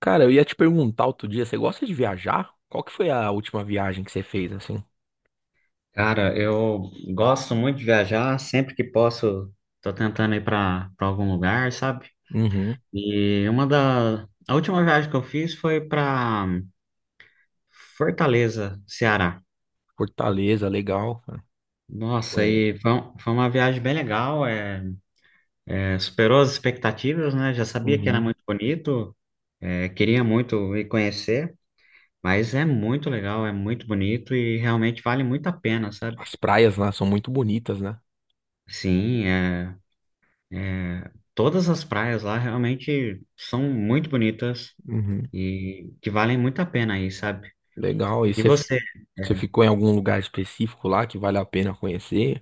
Cara, eu ia te perguntar outro dia, você gosta de viajar? Qual que foi a última viagem que você fez, assim? Cara, eu gosto muito de viajar, sempre que posso, tô tentando ir para algum lugar, sabe? Uhum. E uma da a última viagem que eu fiz foi para Fortaleza, Ceará. Fortaleza, legal. Cara. Nossa, Foi. aí foi, foi uma viagem bem legal, superou as expectativas, né? Já sabia que era Uhum. muito bonito, queria muito ir conhecer, mas é muito legal, é muito bonito e realmente vale muito a pena, sabe? As praias lá são muito bonitas, né? Sim, é. É, todas as praias lá realmente são muito bonitas Uhum. e que valem muito a pena aí, sabe? Legal. E E você, você? você ficou em algum lugar específico lá que vale a pena conhecer?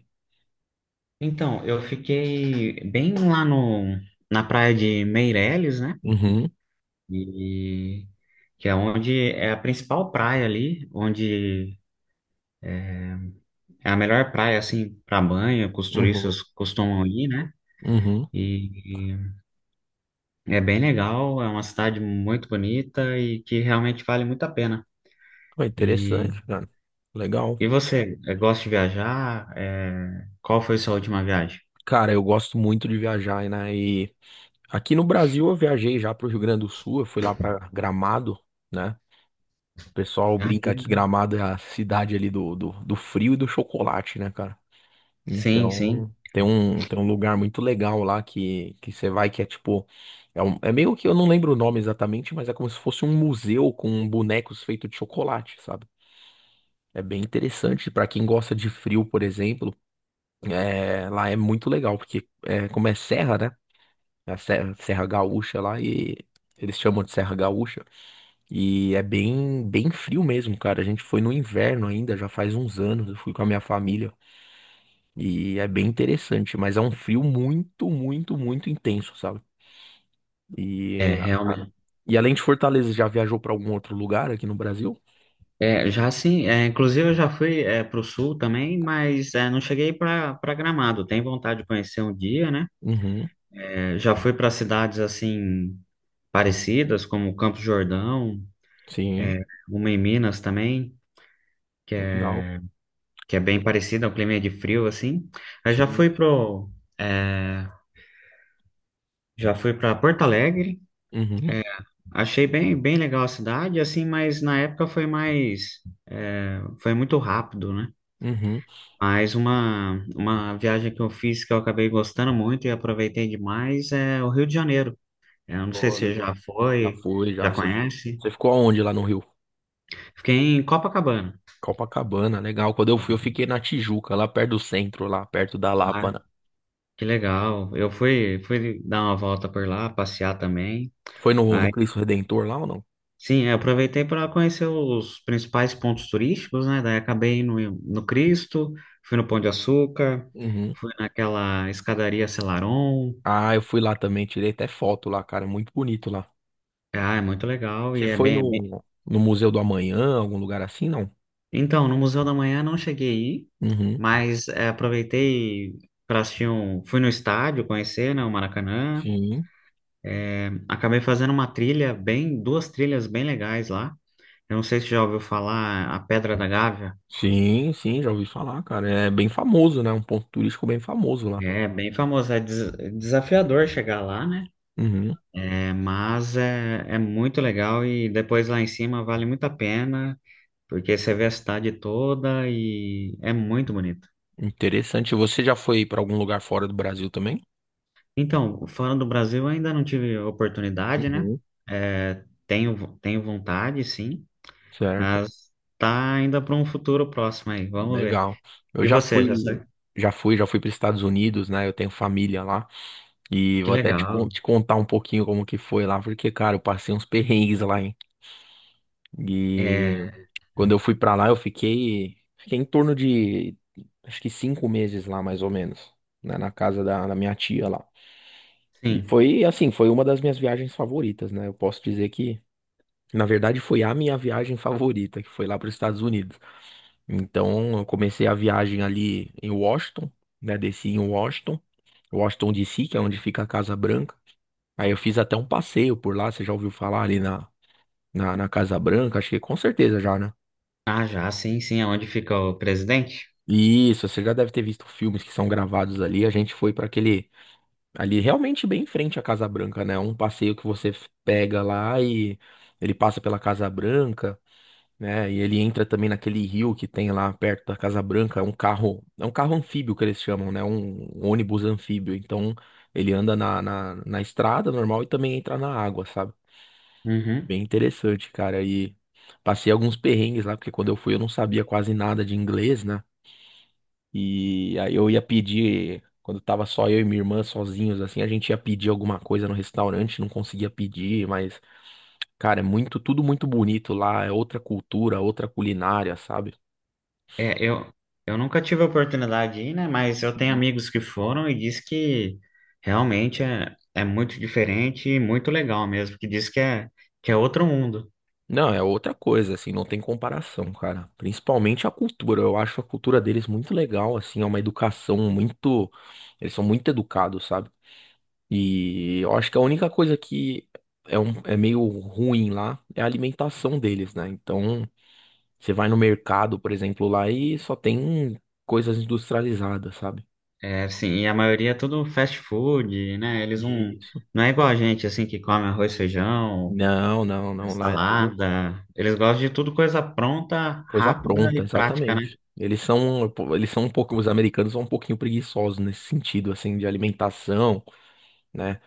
Então, eu fiquei bem lá no, na praia de Meireles, né? Uhum. E que é onde é a principal praia ali, onde é a melhor praia assim para banho, que os Uhum. turistas costumam ir, né? Uhum. E, é bem legal, é uma cidade muito bonita e que realmente vale muito a pena. Foi E interessante, cara. Legal. e você, gosta de viajar? Qual foi sua última viagem? Cara, eu gosto muito de viajar, né? E aqui no Brasil eu viajei já pro Rio Grande do Sul, eu fui lá pra Gramado, né? O pessoal Ah, que brinca que legal. Gramado é a cidade ali do frio e do chocolate, né, cara? Sim, sim. Então, tem um lugar muito legal lá que você vai que é tipo. É, é meio que eu não lembro o nome exatamente, mas é como se fosse um museu com bonecos feitos de chocolate, sabe? É bem interessante pra quem gosta de frio, por exemplo. Lá é muito legal, porque é, como é serra, né? É a Serra Gaúcha lá e eles chamam de Serra Gaúcha. E é bem, bem frio mesmo, cara. A gente foi no inverno ainda, já faz uns anos. Eu fui com a minha família e é bem interessante, mas é um frio muito, muito, muito intenso, sabe? É, E, a- realmente. e além de Fortaleza, já viajou para algum outro lugar aqui no Brasil? É, já sim, é, inclusive eu já fui para o sul também, mas é, não cheguei para Gramado. Tenho vontade de conhecer um dia, né? Uhum, É, já fui para cidades assim parecidas, como Campos do Jordão, sim, é, uma em Minas também, que é, legal. que é bem parecida, é um clima de frio assim. Eu já Sim, fui é, já fui para Porto Alegre. uhum, é, Achei bem, bem legal a cidade, assim, mas na época foi foi muito rápido, né? uhum. Mas uma viagem que eu fiz que eu acabei gostando muito e aproveitei demais é o Rio de Janeiro. Eu não sei Pô, se você legal. já Já foi, foi, já já. Você conhece. você ficou aonde lá no Rio? Fiquei em Copacabana. Copacabana, legal. Quando eu fui, eu fiquei na Tijuca, lá perto do centro, lá perto da Ah, Lapa, né? que legal. Eu fui dar uma volta por lá, passear também. Foi no, no Cristo Redentor lá ou não? Sim, eu aproveitei para conhecer os principais pontos turísticos, né? Daí acabei no Cristo, fui no Pão de Açúcar, Uhum. fui naquela escadaria Selarón. Ah, eu fui lá também, tirei até foto lá, cara, muito bonito lá. Ah, é muito legal e Você é foi bem... no, no Museu do Amanhã, algum lugar assim, não? Então, no Museu da Manhã não cheguei a ir, Uhum. mas aproveitei para assistir um... Fui no estádio conhecer, né, o Maracanã. Sim, Acabei fazendo uma trilha bem... Duas trilhas bem legais lá. Eu não sei se já ouviu falar a Pedra da Gávea. sim, sim, já ouvi falar, cara. É bem famoso, né? Um ponto turístico bem famoso lá. É bem famosa, desafiador chegar lá, né? Uhum. Mas é muito legal e depois lá em cima vale muito a pena, porque você vê a cidade toda e é muito bonito. Interessante. Você já foi pra algum lugar fora do Brasil também? Então, fora do Brasil ainda não tive oportunidade, né? Uhum. É, tenho vontade, sim, Certo. mas tá ainda para um futuro próximo aí, vamos ver. Legal. Eu E já você, já fui, sabe? Já fui para os Estados Unidos, né? Eu tenho família lá e Que vou até legal. te contar um pouquinho como que foi lá, porque, cara, eu passei uns perrengues lá, hein? E É, quando eu fui pra lá, fiquei em torno de, acho que cinco meses lá, mais ou menos, né, na da minha tia lá. E sim. foi, assim, foi uma das minhas viagens favoritas, né? Eu posso dizer que, na verdade, foi a minha viagem favorita, que foi lá para os Estados Unidos. Então, eu comecei a viagem ali em Washington, né? Desci em Washington DC, que é onde fica a Casa Branca. Aí eu fiz até um passeio por lá, você já ouviu falar ali na Casa Branca? Acho que com certeza já, né? Ah, já, sim, sim, é onde fica o presidente? Isso, você já deve ter visto filmes que são gravados ali. A gente foi para aquele ali realmente bem em frente à Casa Branca, né? Um passeio que você pega lá e ele passa pela Casa Branca, né? E ele entra também naquele rio que tem lá perto da Casa Branca, é um carro anfíbio que eles chamam, né? Um ônibus anfíbio. Então ele anda na estrada normal e também entra na água, sabe? Uhum. Bem interessante, cara. E passei alguns perrengues lá, porque quando eu fui eu não sabia quase nada de inglês, né? E aí eu ia pedir, quando tava só eu e minha irmã sozinhos, assim, a gente ia pedir alguma coisa no restaurante, não conseguia pedir, mas, cara, é muito, tudo muito bonito lá, é outra cultura, outra culinária, sabe? É, eu, eu nunca tive a oportunidade de ir, né? Mas eu tenho Uhum. amigos que foram e diz que realmente é muito diferente e muito legal mesmo, que diz que é outro mundo. Não, é outra coisa, assim, não tem comparação, cara. Principalmente a cultura, eu acho a cultura deles muito legal, assim, é uma educação muito. Eles são muito educados, sabe? E eu acho que a única coisa que é meio ruim lá é a alimentação deles, né? Então. Você vai no mercado, por exemplo, lá e só tem coisas industrializadas, sabe? É assim, e a maioria é tudo fast food, né? Eles Isso. não é igual a gente, assim, que come arroz, feijão, Não, não, não. Lá é tudo salada. Eles gostam de tudo coisa pronta, coisa rápida pronta, e prática, né? exatamente. Eles são um pouco, os americanos são um pouquinho preguiçosos nesse sentido, assim, de alimentação, né?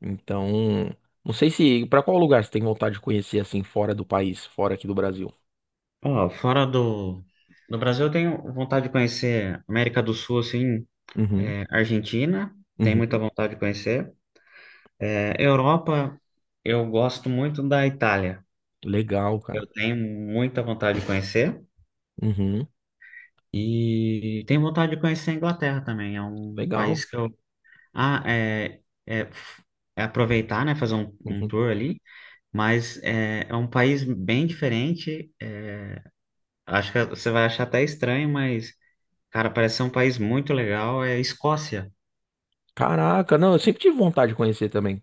Então, não sei se, para qual lugar você tem vontade de conhecer, assim, fora do país, fora aqui do Brasil? Ó, do Brasil, eu tenho vontade de conhecer América do Sul, assim, Uhum, é, Argentina, tem muita uhum. vontade de conhecer. É, Europa, eu gosto muito da Itália. Legal, Eu cara. tenho muita vontade de conhecer. Uhum, E tenho vontade de conhecer a Inglaterra também. É um legal. país que eu. Ah, é, é, f- É aproveitar, né? Fazer um Uhum. tour ali. Mas é, é um país bem diferente. Acho que você vai achar até estranho, mas, cara, parece ser um país muito legal. É a Escócia. Caraca, não, eu sempre tive vontade de conhecer também.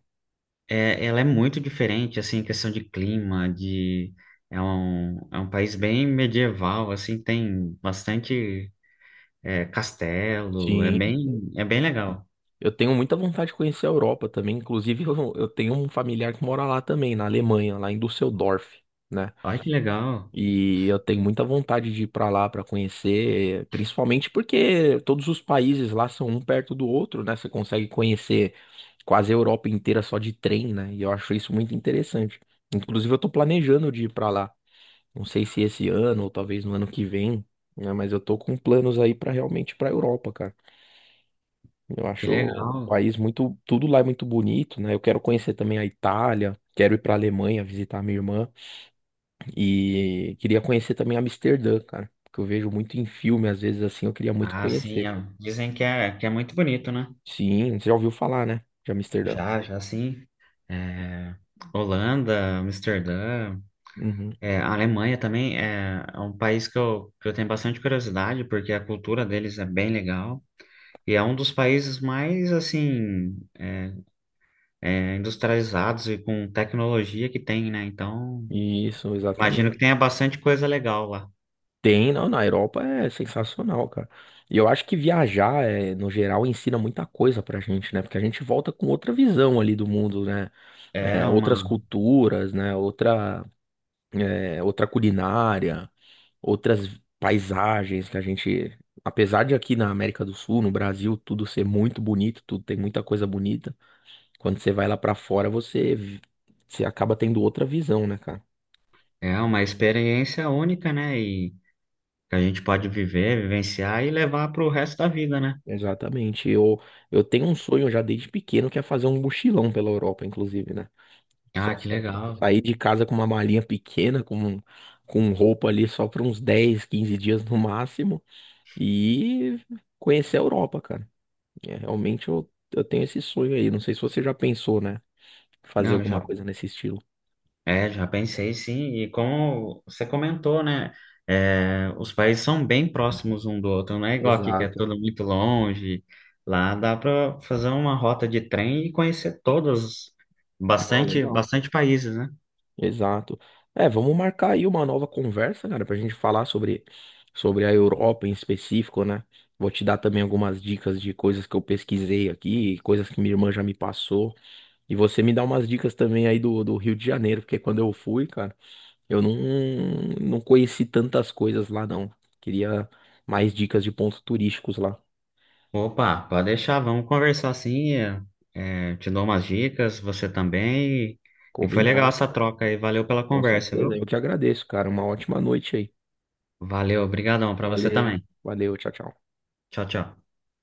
É, ela é muito diferente, assim, em questão de clima, de... é um país bem medieval, assim, tem bastante castelo, é Sim. É bem legal. Eu tenho muita vontade de conhecer a Europa também. Inclusive, eu tenho um familiar que mora lá também, na Alemanha, lá em Düsseldorf, né? Olha que legal, E eu tenho muita vontade de ir pra lá pra conhecer, principalmente porque todos os países lá são um perto do outro, né? Você consegue conhecer quase a Europa inteira só de trem, né? E eu acho isso muito interessante. Inclusive, eu tô planejando de ir pra lá. Não sei se esse ano ou talvez no ano que vem, né? Mas eu tô com planos aí pra realmente ir pra Europa, cara. Eu que acho um legal. país muito, tudo lá é muito bonito, né? Eu quero conhecer também a Itália, quero ir para a Alemanha visitar minha irmã e queria conhecer também Amsterdã, cara, porque eu vejo muito em filme, às vezes assim, eu queria muito Ah, sim, conhecer. é- dizem que é muito bonito, né? Sim, você já ouviu falar, né? De Amsterdã. Já, já, sim. É, Holanda, Amsterdã, Uhum. é, a Alemanha também é um país que eu tenho bastante curiosidade, porque a cultura deles é bem legal. E é um dos países mais, assim, industrializados e com tecnologia que tem, né? Então, Isso, imagino que exatamente. tenha bastante coisa legal lá. Tem, não, na Europa é sensacional, cara. E eu acho que viajar, é, no geral, ensina muita coisa pra gente, né? Porque a gente volta com outra visão ali do mundo, né? É É, uma, outras culturas, né? Outra é, outra culinária, outras paisagens que a gente, apesar de aqui na América do Sul, no Brasil, tudo ser muito bonito, tudo tem muita coisa bonita, quando você vai lá pra fora, você acaba tendo outra visão, né, cara? é uma experiência única, né? E que a gente pode viver, vivenciar e levar para o resto da vida, né? Exatamente. Eu tenho um sonho já desde pequeno que é fazer um mochilão pela Europa, inclusive, né? Ah, Só que só legal. sair de casa com uma malinha pequena, com roupa ali só para uns 10, 15 dias no máximo e conhecer a Europa, cara. É, realmente eu tenho esse sonho aí. Não sei se você já pensou, né? Fazer Não, alguma já coisa nesse estilo. é, já pensei sim, e como você comentou, né? é, os países são bem próximos um do outro, não é igual aqui que é Exato. tudo muito longe. Lá dá para fazer uma rota de trem e conhecer todos, Não, bastante, legal. bastante países, né? Exato. É, vamos marcar aí uma nova conversa, cara, pra gente falar sobre a Europa em específico, né? Vou te dar também algumas dicas de coisas que eu pesquisei aqui, coisas que minha irmã já me passou. E você me dá umas dicas também aí do Rio de Janeiro, porque quando eu fui, cara, eu não, não conheci tantas coisas lá, não. Queria mais dicas de pontos turísticos lá. Opa, pode deixar, vamos conversar assim. Te dou umas dicas, você também. E foi legal Combinado. essa troca aí, valeu pela Com conversa, certeza. viu? Eu que agradeço, cara. Uma ótima noite aí. Valeu, obrigadão para você Valeu. também. Valeu, tchau, tchau. Tchau, tchau.